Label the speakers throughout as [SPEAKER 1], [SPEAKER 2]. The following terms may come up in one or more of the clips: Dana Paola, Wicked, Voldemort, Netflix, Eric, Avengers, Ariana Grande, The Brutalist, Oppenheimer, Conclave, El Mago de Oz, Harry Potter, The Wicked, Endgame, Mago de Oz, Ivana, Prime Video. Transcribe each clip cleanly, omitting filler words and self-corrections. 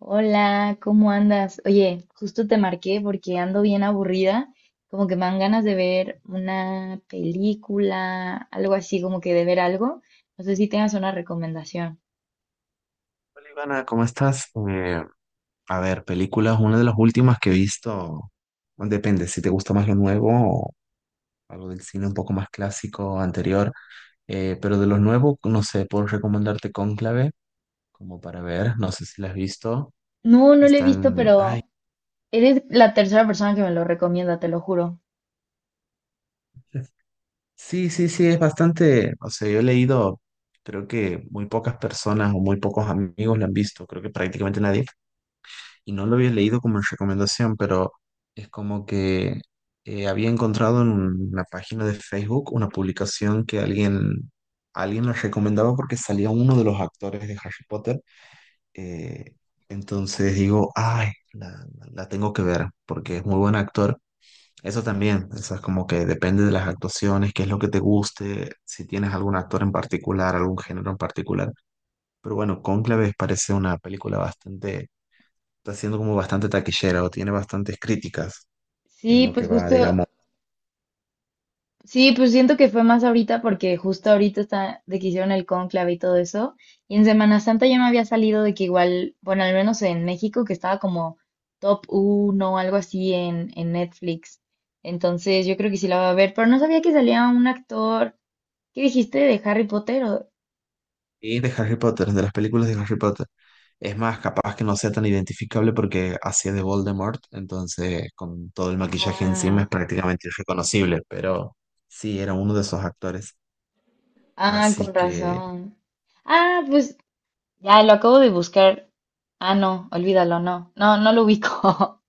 [SPEAKER 1] Hola, ¿cómo andas? Oye, justo te marqué porque ando bien aburrida, como que me dan ganas de ver una película, algo así, como que de ver algo. No sé si tengas una recomendación.
[SPEAKER 2] Hola Ivana, ¿cómo estás? A ver, películas, una de las últimas que he visto, bueno, depende si te gusta más lo nuevo o algo del cine un poco más clásico, anterior, pero de lo nuevo, no sé, puedo recomendarte Cónclave, como para ver, no sé si la has visto,
[SPEAKER 1] No, no lo he visto,
[SPEAKER 2] ay,
[SPEAKER 1] pero eres la tercera persona que me lo recomienda, te lo juro.
[SPEAKER 2] sí, sí, sí, es bastante, o sea, yo he leído, creo que muy pocas personas o muy pocos amigos la han visto, creo que prácticamente nadie, y no lo había leído como en recomendación, pero es como que había encontrado en una página de Facebook una publicación que alguien la recomendaba porque salía uno de los actores de Harry Potter. eh, entonces digo, ay, la tengo que ver porque es muy buen actor. Eso también, eso es como que depende de las actuaciones, qué es lo que te guste, si tienes algún actor en particular, algún género en particular. Pero bueno, Cónclave parece una película bastante, está siendo como bastante taquillera o tiene bastantes críticas
[SPEAKER 1] Sí,
[SPEAKER 2] en lo que
[SPEAKER 1] pues
[SPEAKER 2] va,
[SPEAKER 1] justo
[SPEAKER 2] digamos.
[SPEAKER 1] sí, pues siento que fue más ahorita porque justo ahorita está de que hicieron el cónclave y todo eso. Y en Semana Santa ya me había salido de que igual, bueno, al menos en México, que estaba como top uno o algo así en Netflix. Entonces yo creo que sí la voy a ver, pero no sabía que salía un actor. ¿Qué dijiste de Harry Potter?
[SPEAKER 2] Y de Harry Potter, de las películas de Harry Potter. Es más, capaz que no sea tan identificable porque hacía de Voldemort, entonces con todo el maquillaje encima es
[SPEAKER 1] Ah,
[SPEAKER 2] prácticamente irreconocible, pero sí, era uno de esos actores.
[SPEAKER 1] ah,
[SPEAKER 2] Así
[SPEAKER 1] con
[SPEAKER 2] que,
[SPEAKER 1] razón. Ah, pues ya lo acabo de buscar. Ah, no, olvídalo, no. No, no lo ubico.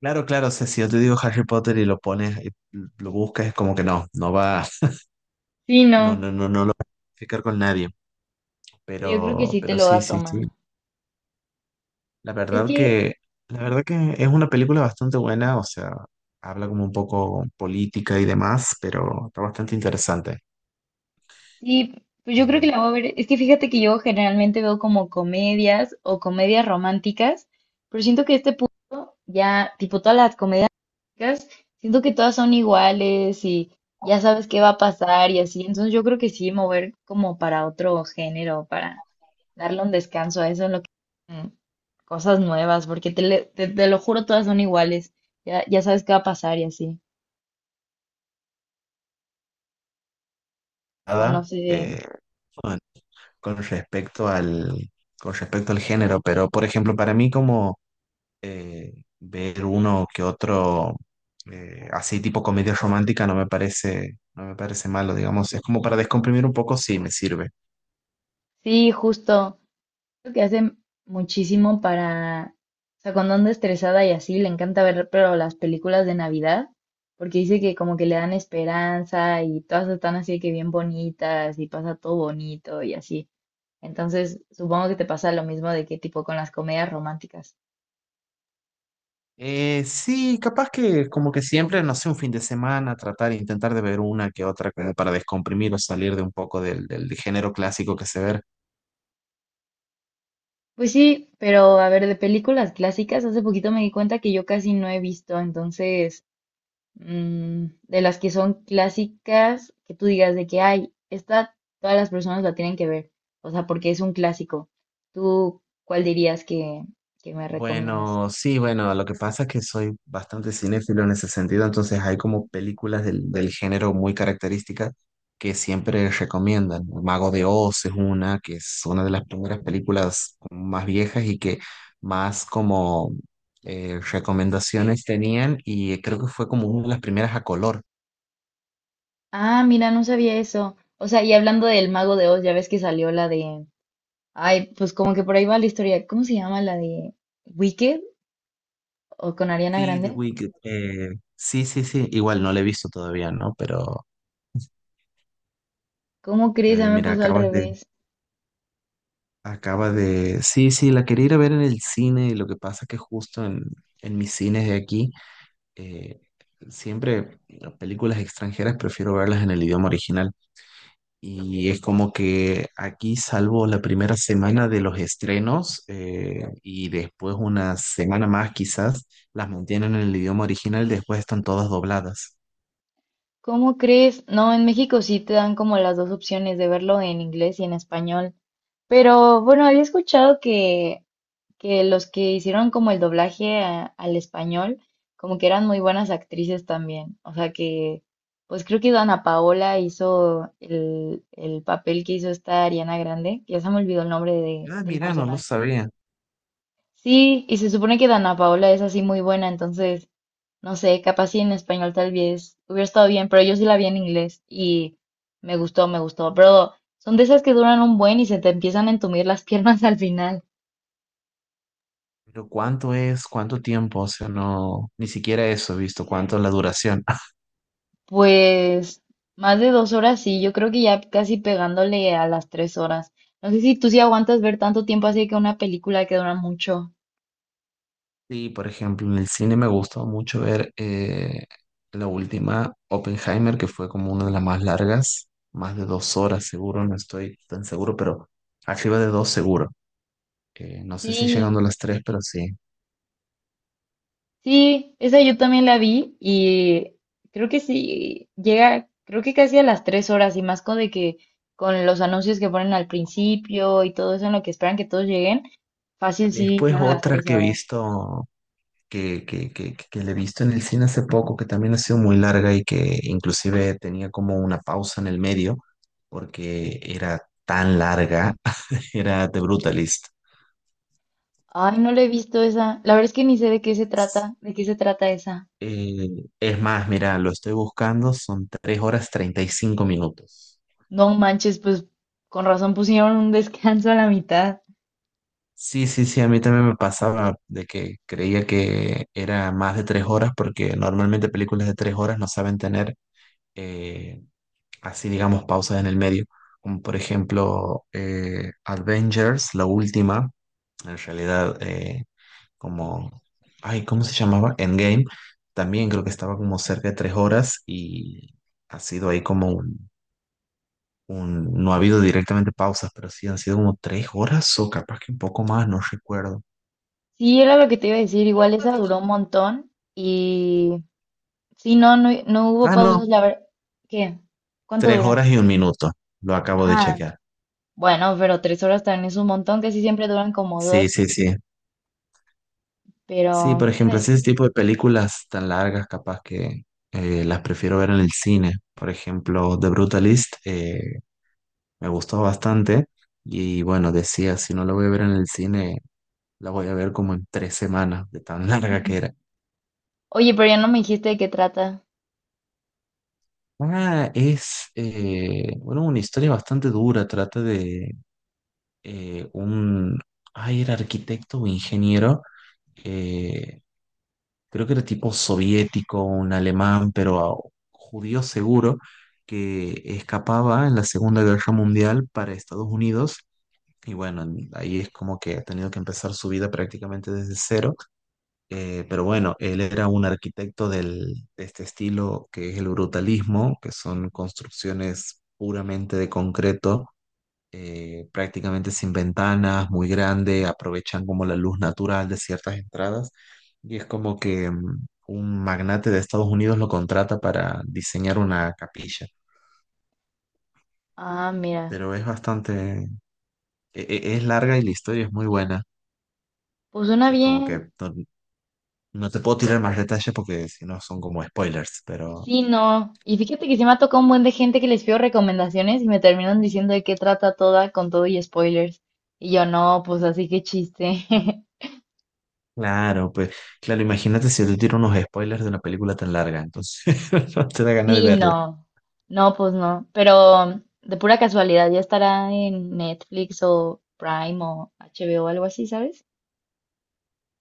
[SPEAKER 2] claro, claro, o sea, si yo te digo Harry Potter y lo pones, y lo buscas, es como que no, no va,
[SPEAKER 1] Sí,
[SPEAKER 2] no,
[SPEAKER 1] no.
[SPEAKER 2] no, no, no lo va a identificar con nadie,
[SPEAKER 1] Pero yo creo que sí te
[SPEAKER 2] pero
[SPEAKER 1] lo va
[SPEAKER 2] sí,
[SPEAKER 1] a
[SPEAKER 2] sí, sí.
[SPEAKER 1] tomar.
[SPEAKER 2] La
[SPEAKER 1] Es
[SPEAKER 2] verdad
[SPEAKER 1] que
[SPEAKER 2] que, la verdad que es una película bastante buena, o sea, habla como un poco política y demás, pero está bastante interesante.
[SPEAKER 1] sí, pues yo creo que
[SPEAKER 2] Eh,
[SPEAKER 1] la voy a ver. Es que fíjate que yo generalmente veo como comedias o comedias románticas, pero siento que a este punto ya, tipo todas las comedias románticas, siento que todas son iguales y ya sabes qué va a pasar y así. Entonces yo creo que sí, mover como para otro género, para darle un descanso a eso, en lo que mm, cosas nuevas, porque te lo juro, todas son iguales. Ya, ya sabes qué va a pasar y así. O no
[SPEAKER 2] nada,
[SPEAKER 1] sé.
[SPEAKER 2] con, con respecto al, con respecto al género, pero por ejemplo, para mí como ver uno que otro así tipo comedia romántica no me parece malo, digamos, es como para descomprimir un poco, sí, me sirve.
[SPEAKER 1] Sí, justo. Creo que hace muchísimo para, o sea, cuando anda estresada y así, le encanta ver, pero las películas de Navidad, porque dice que como que le dan esperanza y todas están así que bien bonitas y pasa todo bonito y así. Entonces, supongo que te pasa lo mismo de que tipo con las comedias románticas.
[SPEAKER 2] Sí, capaz que como que siempre, no sé, un fin de semana, intentar de ver una que otra para descomprimir o salir de un poco del género clásico que se ve.
[SPEAKER 1] Pues sí, pero a ver, de películas clásicas, hace poquito me di cuenta que yo casi no he visto, entonces mm, de las que son clásicas, que tú digas de que hay, esta todas las personas la tienen que ver, o sea, porque es un clásico. ¿Tú cuál dirías que me recomiendas?
[SPEAKER 2] Bueno, sí, bueno, lo que pasa es que soy bastante cinéfilo en ese sentido, entonces hay como películas del género muy características que siempre recomiendan. El Mago de Oz es una, que es una de las primeras películas como más viejas y que más como recomendaciones tenían y creo que fue como una de las primeras a color.
[SPEAKER 1] Ah, mira, no sabía eso. O sea, y hablando del Mago de Oz, ya ves que salió la de... Ay, pues como que por ahí va la historia. ¿Cómo se llama la de Wicked o con Ariana
[SPEAKER 2] Sí, The
[SPEAKER 1] Grande?
[SPEAKER 2] Wicked. Sí, sí, sí. Igual no la he visto todavía, ¿no? Pero
[SPEAKER 1] ¿Cómo crees? A mí
[SPEAKER 2] también,
[SPEAKER 1] me
[SPEAKER 2] mira,
[SPEAKER 1] pasó al revés.
[SPEAKER 2] acabas de. Sí, sí, la quería ir a ver en el cine. Y lo que pasa es que justo en mis cines de aquí, eh, siempre las películas extranjeras prefiero verlas en el idioma original. Y es como que aquí, salvo la primera semana de los estrenos, y después una semana más quizás, las mantienen en el idioma original, después están todas dobladas.
[SPEAKER 1] ¿Cómo crees? No, en México sí te dan como las dos opciones de verlo en inglés y en español. Pero bueno, había escuchado que los que hicieron como el doblaje al español, como que eran muy buenas actrices también. O sea que, pues creo que Dana Paola hizo el papel que hizo esta Ariana Grande, que ya se me olvidó el nombre
[SPEAKER 2] Ah,
[SPEAKER 1] del
[SPEAKER 2] mira, no lo
[SPEAKER 1] personaje.
[SPEAKER 2] sabía.
[SPEAKER 1] Sí, y se supone que Dana Paola es así muy buena, entonces, no sé, capaz si en español tal vez hubiera estado bien, pero yo sí la vi en inglés y me gustó, me gustó. Pero son de esas que duran un buen y se te empiezan a entumir las piernas al final.
[SPEAKER 2] Pero ¿cuánto es? ¿Cuánto tiempo? O sea, no, ni siquiera eso he visto, cuánto es la duración.
[SPEAKER 1] Pues más de dos horas, sí, yo creo que ya casi pegándole a las tres horas. No sé si tú sí aguantas ver tanto tiempo así que una película que dura mucho.
[SPEAKER 2] Sí, por ejemplo, en el cine me gustó mucho ver la última, Oppenheimer, que fue como una de las más largas, más de 2 horas seguro, no estoy tan seguro, pero arriba de dos seguro. No sé si llegando a
[SPEAKER 1] Sí,
[SPEAKER 2] las tres, pero sí.
[SPEAKER 1] sí, esa yo también la vi y creo que sí, llega, creo que casi a las tres horas y más con de que con los anuncios que ponen al principio y todo eso en lo que esperan que todos lleguen, fácil sí
[SPEAKER 2] Después
[SPEAKER 1] fueron a las
[SPEAKER 2] otra
[SPEAKER 1] tres
[SPEAKER 2] que he
[SPEAKER 1] horas.
[SPEAKER 2] visto que le he visto en el cine hace poco, que también ha sido muy larga y que inclusive tenía como una pausa en el medio porque era tan larga, era The Brutalist.
[SPEAKER 1] Ay, no la he visto esa. La verdad es que ni sé de qué se trata, de qué se trata esa.
[SPEAKER 2] Eh, es más, mira, lo estoy buscando, son 3 horas 35 minutos.
[SPEAKER 1] No manches, pues con razón pusieron un descanso a la mitad.
[SPEAKER 2] Sí, sí, sí, a mí también me pasaba de que creía que era más de 3 horas porque normalmente películas de 3 horas no saben tener eh, así digamos pausas en el medio, como por ejemplo Avengers, la última, en realidad como, ay, ¿cómo se llamaba? Endgame, también creo que estaba como cerca de 3 horas y ha sido ahí como no ha habido directamente pausas, pero sí han sido como 3 horas o capaz que un poco más, no recuerdo.
[SPEAKER 1] Sí, era lo que te iba a decir, igual esa duró un montón y sí, no, no, no hubo
[SPEAKER 2] Ah,
[SPEAKER 1] pausas,
[SPEAKER 2] no,
[SPEAKER 1] la verdad. ¿Qué? ¿Cuánto
[SPEAKER 2] tres
[SPEAKER 1] duran?
[SPEAKER 2] horas y un minuto, lo acabo de
[SPEAKER 1] Ah,
[SPEAKER 2] chequear.
[SPEAKER 1] bueno, pero tres horas también es un montón, casi siempre duran como
[SPEAKER 2] Sí,
[SPEAKER 1] dos,
[SPEAKER 2] sí, sí. Sí,
[SPEAKER 1] pero
[SPEAKER 2] por
[SPEAKER 1] ¿qué te iba a
[SPEAKER 2] ejemplo, ese
[SPEAKER 1] decir?
[SPEAKER 2] tipo de películas tan largas, capaz que las prefiero ver en el cine. Por ejemplo, The Brutalist me gustó bastante y bueno, decía, si no la voy a ver en el cine, la voy a ver como en 3 semanas, de tan larga que era.
[SPEAKER 1] Oye, pero ya no me dijiste de qué trata.
[SPEAKER 2] Ah, es bueno, una historia bastante dura, trata de eh, un, ay, era arquitecto o ingeniero creo que era tipo soviético, un alemán, pero judío seguro, que escapaba en la Segunda Guerra Mundial para Estados Unidos. Y bueno, ahí es como que ha tenido que empezar su vida prácticamente desde cero. Pero bueno, él era un arquitecto de este estilo que es el brutalismo, que son construcciones puramente de concreto prácticamente sin ventanas, muy grande, aprovechan como la luz natural de ciertas entradas y es como que un magnate de Estados Unidos lo contrata para diseñar una capilla,
[SPEAKER 1] Ah, mira,
[SPEAKER 2] pero es bastante, es larga y la historia es muy buena,
[SPEAKER 1] pues suena
[SPEAKER 2] es como que
[SPEAKER 1] bien,
[SPEAKER 2] no, no te puedo tirar más detalles porque si no son como spoilers, pero...
[SPEAKER 1] sí, no. Y fíjate que sí me ha tocado un buen de gente que les pido recomendaciones y me terminan diciendo de qué trata toda con todo y spoilers. Y yo no, pues así que chiste.
[SPEAKER 2] Claro, pues claro, imagínate si yo te tiro unos spoilers de una película tan larga, entonces no te da ganas de
[SPEAKER 1] Sí,
[SPEAKER 2] verla.
[SPEAKER 1] no. No, pues no. Pero de pura casualidad ya estará en Netflix o Prime o HBO o algo así, ¿sabes?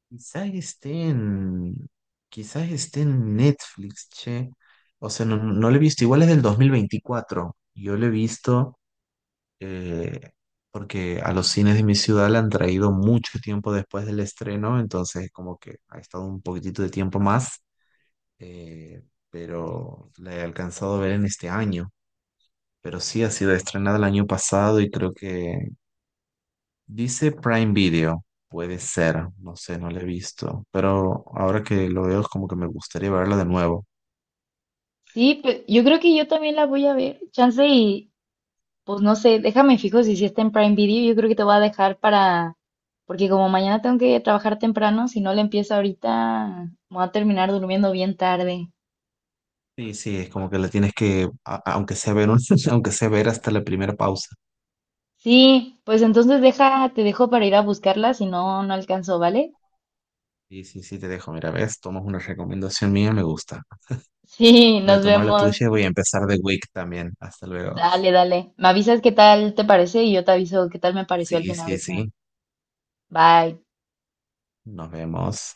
[SPEAKER 2] Quizás esté en, quizás esté en Netflix, che. O sea, no, no lo he visto. Igual es del 2024. Yo lo he visto eh, porque a los cines de mi ciudad la han traído mucho tiempo después del estreno, entonces como que ha estado un poquitito de tiempo más, eh, pero la he alcanzado a ver en este año. Pero sí ha sido estrenada el año pasado y creo que dice Prime Video, puede ser, no sé, no la he visto, pero ahora que lo veo es como que me gustaría verla de nuevo.
[SPEAKER 1] Sí, yo creo que yo también la voy a ver. Chance y, pues no sé, déjame fijo si sí está en Prime Video. Yo creo que te voy a dejar para, porque como mañana tengo que trabajar temprano, si no le empiezo ahorita, me voy a terminar durmiendo bien tarde.
[SPEAKER 2] Sí, sí, es como que la tienes que, aunque sea ver aunque sea ver hasta la primera pausa.
[SPEAKER 1] Sí, pues entonces deja, te dejo para ir a buscarla, si no, no alcanzo, ¿vale?
[SPEAKER 2] Sí, sí, sí, te dejo, mira, ves, tomas una recomendación mía, me gusta.
[SPEAKER 1] Sí,
[SPEAKER 2] Voy a
[SPEAKER 1] nos
[SPEAKER 2] tomar la
[SPEAKER 1] vemos.
[SPEAKER 2] tuya y voy a empezar The Week también. Hasta luego.
[SPEAKER 1] Dale, dale. Me avisas qué tal te parece y yo te aviso qué tal me pareció al
[SPEAKER 2] Sí,
[SPEAKER 1] final
[SPEAKER 2] sí,
[SPEAKER 1] esta.
[SPEAKER 2] sí,
[SPEAKER 1] Bye.
[SPEAKER 2] nos vemos.